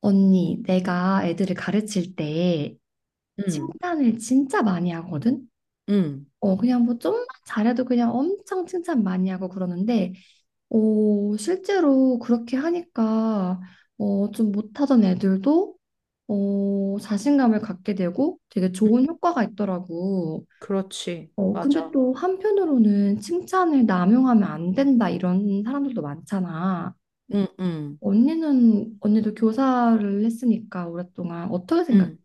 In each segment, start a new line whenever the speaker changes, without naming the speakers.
언니, 내가 애들을 가르칠 때
음,
칭찬을 진짜 많이 하거든?
음,
그냥 뭐 좀만 잘해도 그냥 엄청 칭찬 많이 하고 그러는데, 실제로 그렇게 하니까, 좀 못하던 애들도, 자신감을 갖게 되고 되게 좋은 효과가 있더라고.
그렇지.
근데
맞아.
또 한편으로는 칭찬을 남용하면 안 된다, 이런 사람들도 많잖아.
음, 음,
언니도 교사를 했으니까 오랫동안 어떻게 생각해?
음.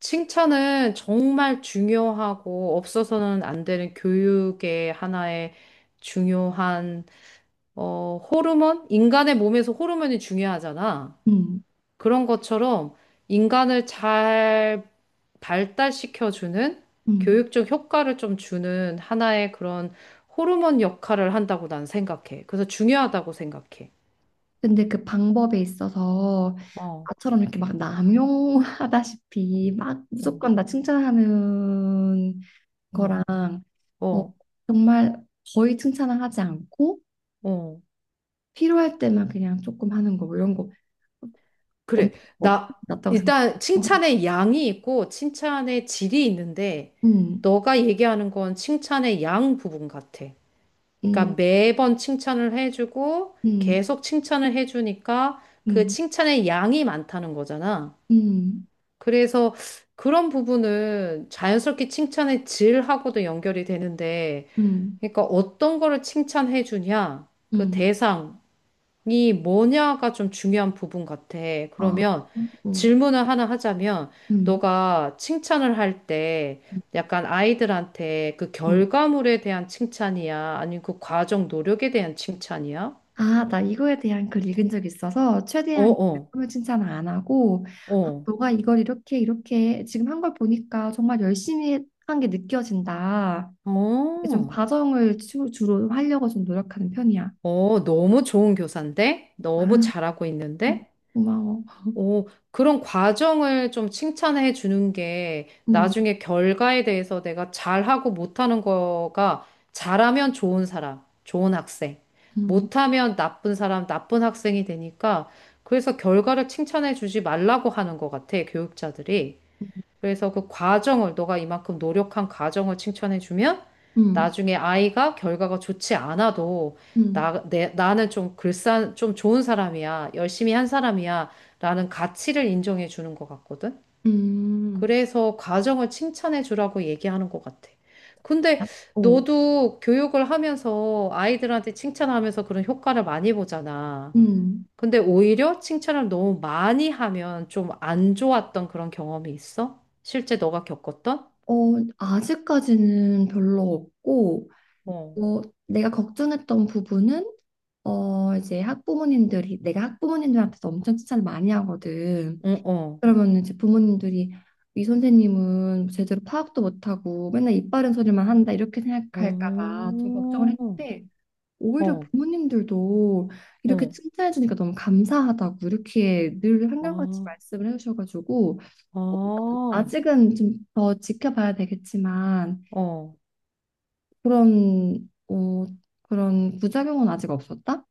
칭찬은 정말 중요하고 없어서는 안 되는 교육의 하나의 중요한, 호르몬? 인간의 몸에서 호르몬이 중요하잖아. 그런 것처럼 인간을 잘 발달시켜주는
음.
교육적 효과를 좀 주는 하나의 그런 호르몬 역할을 한다고 난 생각해. 그래서 중요하다고 생각해.
근데 그 방법에 있어서
어,
나처럼 이렇게 막 남용하다시피 막
어,
무조건 나 칭찬하는
어.
거랑 어,
어.
정말 거의 칭찬을 하지 않고
어,
필요할 때만 그냥 조금 하는 거 뭐 이런 거 언-
그래.
어,
나,
낫다고 생각해.
일단
어.
칭찬의 양이 있고 칭찬의 질이 있는데,
음,
너가 얘기하는 건 칭찬의 양 부분 같아.
음,
그러니까 매번 칭찬을 해주고,
음,
계속 칭찬을 해주니까 그
음,
칭찬의 양이 많다는 거잖아.
음,
그래서 그런 부분은 자연스럽게 칭찬의 질하고도 연결이 되는데,
음,
그러니까 어떤 거를 칭찬해주냐, 그
음,
대상, 이 뭐냐가 좀 중요한 부분 같아.
아,
그러면
음,
질문을 하나 하자면,
음,
너가 칭찬을 할 때
음,
약간 아이들한테 그
음.
결과물에 대한 칭찬이야? 아니면 그 과정 노력에 대한 칭찬이야?
아, 나 이거에 대한 글 읽은 적 있어서
어,
최대한
어,
내품을 칭찬을 안 하고
어,
너가 이걸 이렇게 이렇게 지금 한 걸 보니까 정말 열심히 한 게 느껴진다. 이게 좀
어,
과정을 주로 하려고 좀 노력하는 편이야.
어, 너무 좋은 교사인데? 너무 잘하고
어,
있는데?
고마워.
오, 그런 과정을 좀 칭찬해 주는 게
음,
나중에 결과에 대해서 내가 잘하고 못하는 거가 잘하면 좋은 사람, 좋은 학생,
음,
못하면 나쁜 사람, 나쁜 학생이 되니까 그래서 결과를 칭찬해 주지 말라고 하는 것 같아, 교육자들이.
음,
그래서 그 과정을, 너가 이만큼 노력한 과정을 칭찬해주면
음,
나중에 아이가 결과가 좋지 않아도
음.
나는 좀 좀 좋은 사람이야. 열심히 한 사람이야. 라는 가치를 인정해 주는 것 같거든.
음.
그래서 과정을 칭찬해 주라고 얘기하는 것 같아. 근데
어,
너도 교육을 하면서 아이들한테 칭찬하면서 그런 효과를 많이 보잖아.
음.
근데 오히려 칭찬을 너무 많이 하면 좀 안 좋았던 그런 경험이 있어? 실제 너가 겪었던?
어, 아직까지는 별로 없고,
어,
어, 내가 걱정했던 부분은 이제 학부모님들이 내가 학부모님들한테도 엄청 칭찬을 많이 하거든.
응, 어,
그러면 이제 부모님들이 이 선생님은 제대로 파악도 못하고 맨날 입 바른 소리만 한다 이렇게 생각할까 봐 좀
어,
걱정을 했는데 오히려
어,
부모님들도 이렇게
어,
칭찬해 주니까 너무 감사하다고 이렇게 늘 한결같이
아,
말씀을 해 주셔가지고 어,
아,
아직은 좀 더 지켜봐야 되겠지만
어,
그런, 어, 그런 부작용은 아직 없었다?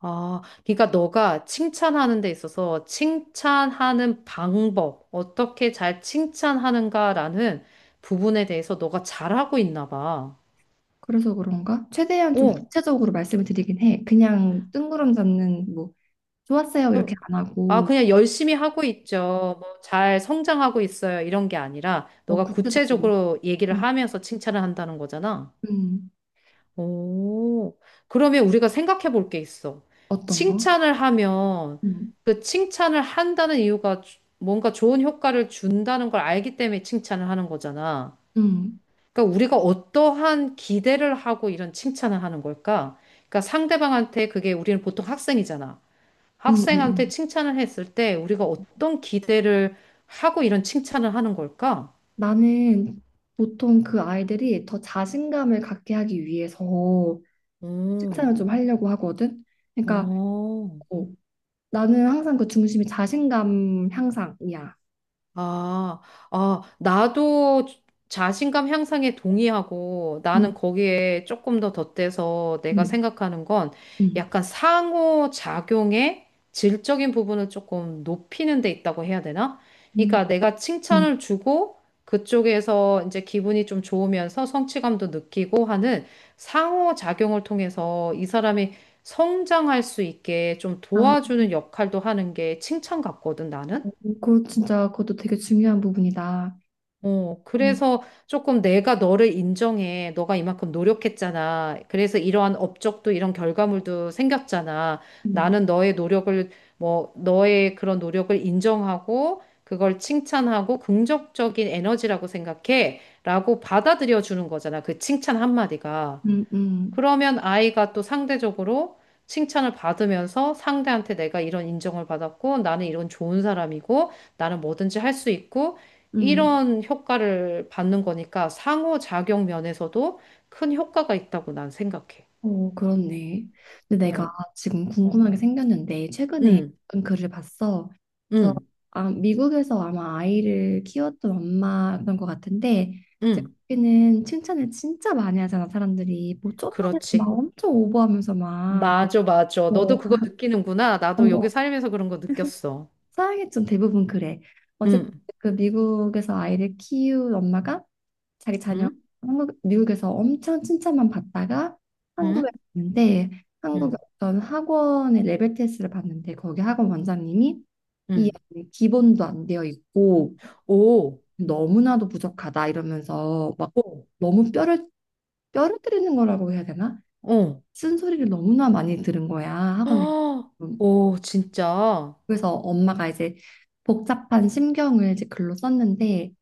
아. 그러니까 너가 칭찬하는 데 있어서 칭찬하는 방법, 어떻게 잘 칭찬하는가라는 부분에 대해서 너가 잘하고 있나 봐.
그래서 그런가? 최대한 좀
어,
구체적으로 말씀을 드리긴 해. 그냥 뜬구름 잡는, 뭐, 좋았어요, 이렇게 안
아,
하고,
그냥 열심히 하고 있죠. 뭐, 잘 성장하고 있어요. 이런 게 아니라, 너가
구체적으로.
구체적으로 얘기를
음,
하면서 칭찬을 한다는 거잖아.
음.
오, 그러면 우리가 생각해 볼 게 있어.
어떤 거?
칭찬을 하면,
음,
그 칭찬을 한다는 이유가 뭔가 좋은 효과를 준다는 걸 알기 때문에 칭찬을 하는 거잖아.
음,
그러니까 우리가 어떠한 기대를 하고 이런 칭찬을 하는 걸까? 그러니까 상대방한테 그게 우리는 보통 학생이잖아. 학생한테
음.
칭찬을 했을 때 우리가 어떤 기대를 하고 이런 칭찬을 하는 걸까?
나는 보통 그 아이들이 더 자신감을 갖게 하기 위해서
음,
칭찬을 좀 하려고 하거든? 그러니까,
어.
어, 나는 항상 그 중심이 자신감 향상이야.
아, 아, 나도 자신감 향상에 동의하고 나는
음,
거기에 조금 더 덧대서 내가
음,
생각하는 건
음.
약간 상호작용의 질적인 부분을 조금 높이는 데 있다고 해야 되나?
음.
그러니까 내가
음.
칭찬을 주고 그쪽에서 이제 기분이 좀 좋으면서 성취감도 느끼고 하는 상호작용을 통해서 이 사람이 성장할 수 있게 좀
아,
도와주는 역할도 하는 게 칭찬 같거든, 나는.
그거 진짜 그것도 되게 중요한 부분이다.
어,
음,
그래서 조금 내가 너를 인정해. 너가 이만큼 노력했잖아. 그래서 이러한 업적도 이런 결과물도 생겼잖아.
음,
나는 너의 노력을, 뭐, 너의 그런 노력을 인정하고, 그걸 칭찬하고, 긍정적인 에너지라고 생각해. 라고 받아들여 주는 거잖아. 그 칭찬 한마디가.
음, 음,
그러면 아이가 또 상대적으로 칭찬을 받으면서 상대한테 내가 이런 인정을 받았고 나는 이런 좋은 사람이고 나는 뭐든지 할 수 있고
음.
이런 효과를 받는 거니까 상호작용 면에서도 큰 효과가 있다고 난 생각해.
그렇네. 근데 내가
어,
지금
어.
궁금한 게 생겼는데 최근에
응,
어떤 글을 봤어. 그래서
응,
아, 미국에서 아마 아이를 키웠던 엄마였던 것 같은데 이제
응.
거기는 칭찬을 진짜 많이 하잖아 사람들이 뭐 좀만 해도 막
그렇지.
엄청 오버하면서 막,
맞아, 맞아. 너도
어,
그거 느끼는구나. 나도 여기
어,
살면서 그런 거 느꼈어.
서양이 좀 대부분 그래. 어쨌든
응,
그 미국에서 아이를 키운 엄마가 자기 자녀
응,
한국 미국에서 엄청 칭찬만 받다가 한국에
응,
왔는데 한국의
응,
어떤 학원의 레벨 테스트를 봤는데 거기 학원 원장님이 이
응.
아이는 기본도 안 되어 있고
오,
너무나도 부족하다 이러면서 막
오,
너무 뼈를 때리는 거라고 해야 되나?
어.
쓴소리를 너무나 많이 들은 거야 학원에.
아, 오, 진짜. 어,
그래서 엄마가 이제 복잡한 심경을 이제 글로 썼는데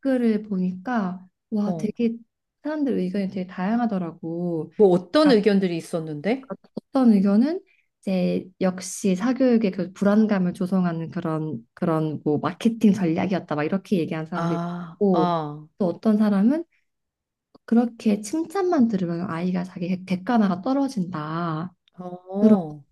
글을 보니까 와
어.
되게 사람들 의견이 되게 다양하더라고.
뭐 어떤
그러니까
의견들이 있었는데?
어떤 의견은 이제 역시 사교육의 그 불안감을 조성하는 그런 뭐 마케팅 전략이었다 막 이렇게 얘기한 사람도
아,
있고
아,
또 어떤 사람은 그렇게 칭찬만 들으면 아이가 자기 객관화가 떨어진다. 그런
어,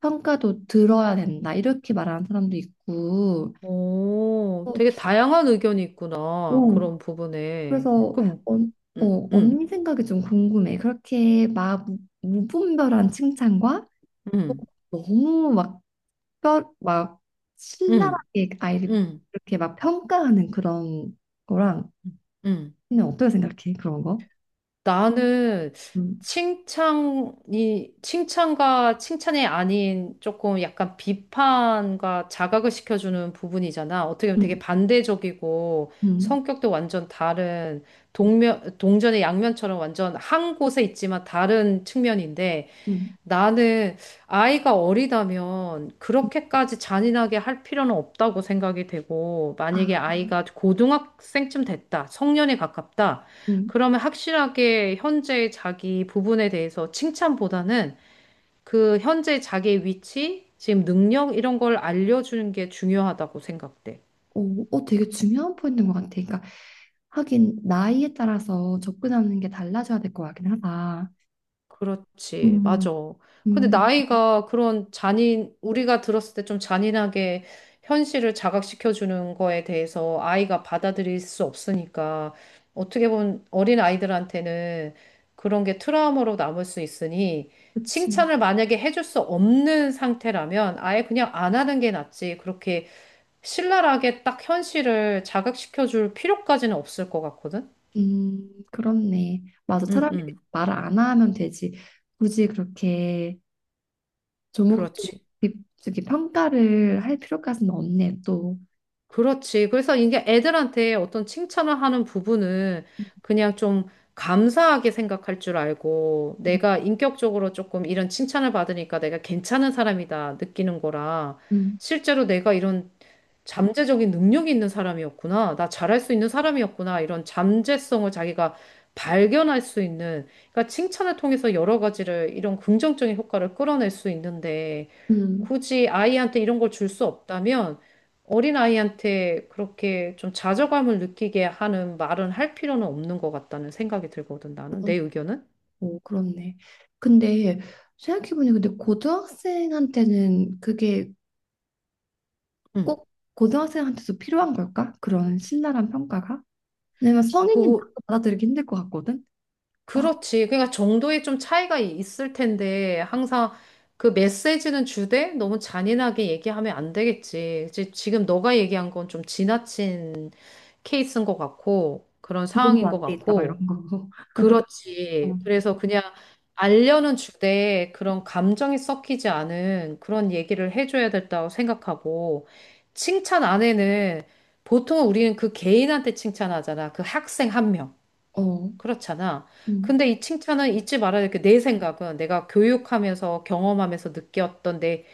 평가도 들어야 된다. 이렇게 말하는 사람도 있고
오, 되게 다양한 의견이 있구나.
어,
그런 부분에.
그래서
그럼,
언,
음, 음,
언니 생각이 좀 궁금해. 그렇게 막 무분별한 칭찬과
음,
너무 막
음,
신랄하게 아이를
음,
그렇게 막 평가하는 그런 거랑
음.
언니 어떻게 생각해? 그런 거?
나는
음,
칭찬과 칭찬이 아닌 조금 약간 비판과 자각을 시켜주는 부분이잖아. 어떻게 보면 되게
음,
반대적이고
음,
성격도 완전 다른 동전의 양면처럼 완전 한 곳에 있지만 다른 측면인데
음.
나는 아이가 어리다면 그렇게까지 잔인하게 할 필요는 없다고 생각이 되고,
아,
만약에 아이가 고등학생쯤 됐다, 성년에 가깝다,
음.
그러면 확실하게 현재의 자기 부분에 대해서 칭찬보다는 그 현재 자기의 위치, 지금 능력 이런 걸 알려주는 게 중요하다고 생각돼.
어, 어, 되게 중요한 포인트인 것 같아. 그러니까 하긴 나이에 따라서 접근하는 게 달라져야 될 것 같긴 하다.
그렇지,
음,
맞아. 근데
음,
우리가 들었을 때 좀 잔인하게 현실을 자각시켜주는 거에 대해서 아이가 받아들일 수 없으니까 어떻게 보면 어린 아이들한테는 그런 게 트라우마로 남을 수 있으니
그치.
칭찬을 만약에 해줄 수 없는 상태라면 아예 그냥 안 하는 게 낫지. 그렇게 신랄하게 딱 현실을 자각시켜줄 필요까지는 없을 것 같거든?
그렇네. 맞아.
응,
차라리
응,
말을 안 하면 되지. 굳이 그렇게 조목조목
그렇지.
저기 평가를 할 필요까지는 없네, 또.
그렇지. 그래서 이게 애들한테 어떤 칭찬을 하는 부분은 그냥 좀 감사하게 생각할 줄 알고
음,
내가 인격적으로 조금 이런 칭찬을 받으니까 내가 괜찮은 사람이다 느끼는 거라
음,
실제로 내가 이런 잠재적인 능력이 있는 사람이었구나. 나 잘할 수 있는 사람이었구나. 이런 잠재성을 자기가 발견할 수 있는, 그러니까 칭찬을 통해서 여러 가지를 이런 긍정적인 효과를 끌어낼 수 있는데,
음.
굳이 아이한테 이런 걸 줄 수 없다면, 어린아이한테 그렇게 좀 좌절감을 느끼게 하는 말은 할 필요는 없는 것 같다는 생각이 들거든, 나는. 내 의견은?
오, 그렇네. 근데 생각해보니 근데 고등학생한테는 그게
응.
꼭 고등학생한테도 필요한 걸까? 그런 신랄한 평가가? 왜냐면 성인이 나도
그,
받아들이기 힘들 것 같거든. 아,
그렇지. 그러니까 정도의 좀 차이가 있을 텐데 항상 그 메시지는 주되 너무 잔인하게 얘기하면 안 되겠지. 이제 지금 너가 얘기한 건 좀 지나친 케이스인 것 같고 그런
기본도
상황인 것
안 돼 있다 막
같고
이런 거. 어,
그렇지. 그래서 그냥 알려는 주되 그런 감정이 섞이지 않은 그런 얘기를 해줘야 된다고 생각하고 칭찬 안에는 보통 우리는 그 개인한테 칭찬하잖아. 그 학생 한 명.
어,
그렇잖아.
음,
근데 이 칭찬은 잊지 말아야 될 게 내 생각은 내가 교육하면서 경험하면서 느꼈던 내,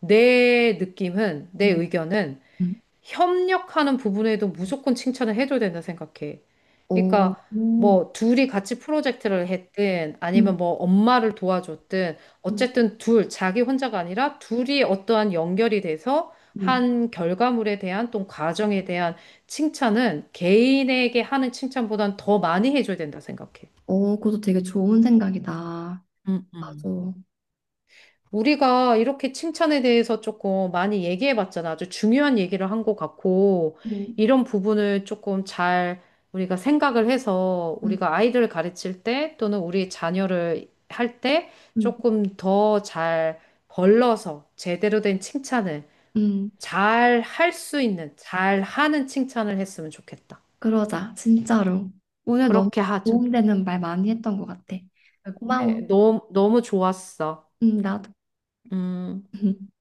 내 느낌은, 내
음,
의견은
음.
협력하는 부분에도 무조건 칭찬을 해줘야 된다 생각해.
어,
그러니까
오,
뭐 둘이 같이 프로젝트를 했든
음,
아니면 뭐 엄마를 도와줬든
음,
어쨌든 자기 혼자가 아니라 둘이 어떠한 연결이 돼서
음.
한 결과물에 대한 또 과정에 대한 칭찬은 개인에게 하는 칭찬보단 더 많이 해줘야 된다 생각해.
그것도 되게 좋은 생각이다.
음, 음.
맞아.
우리가 이렇게 칭찬에 대해서 조금 많이 얘기해 봤잖아. 아주 중요한 얘기를 한 것 같고,
음,
이런 부분을 조금 잘 우리가 생각을 해서
음,
우리가 아이들을 가르칠 때 또는 우리 자녀를 할 때
음,
조금 더 잘 걸러서 제대로 된 칭찬을
음.
잘 할 수 있는, 잘 하는 칭찬을 했으면 좋겠다.
그러자, 진짜로. 오늘 너무
그렇게 하자.
도움되는 말 많이 했던 것 같아.
네,
고마워.
너무, 너무 좋았어.
나도.
음.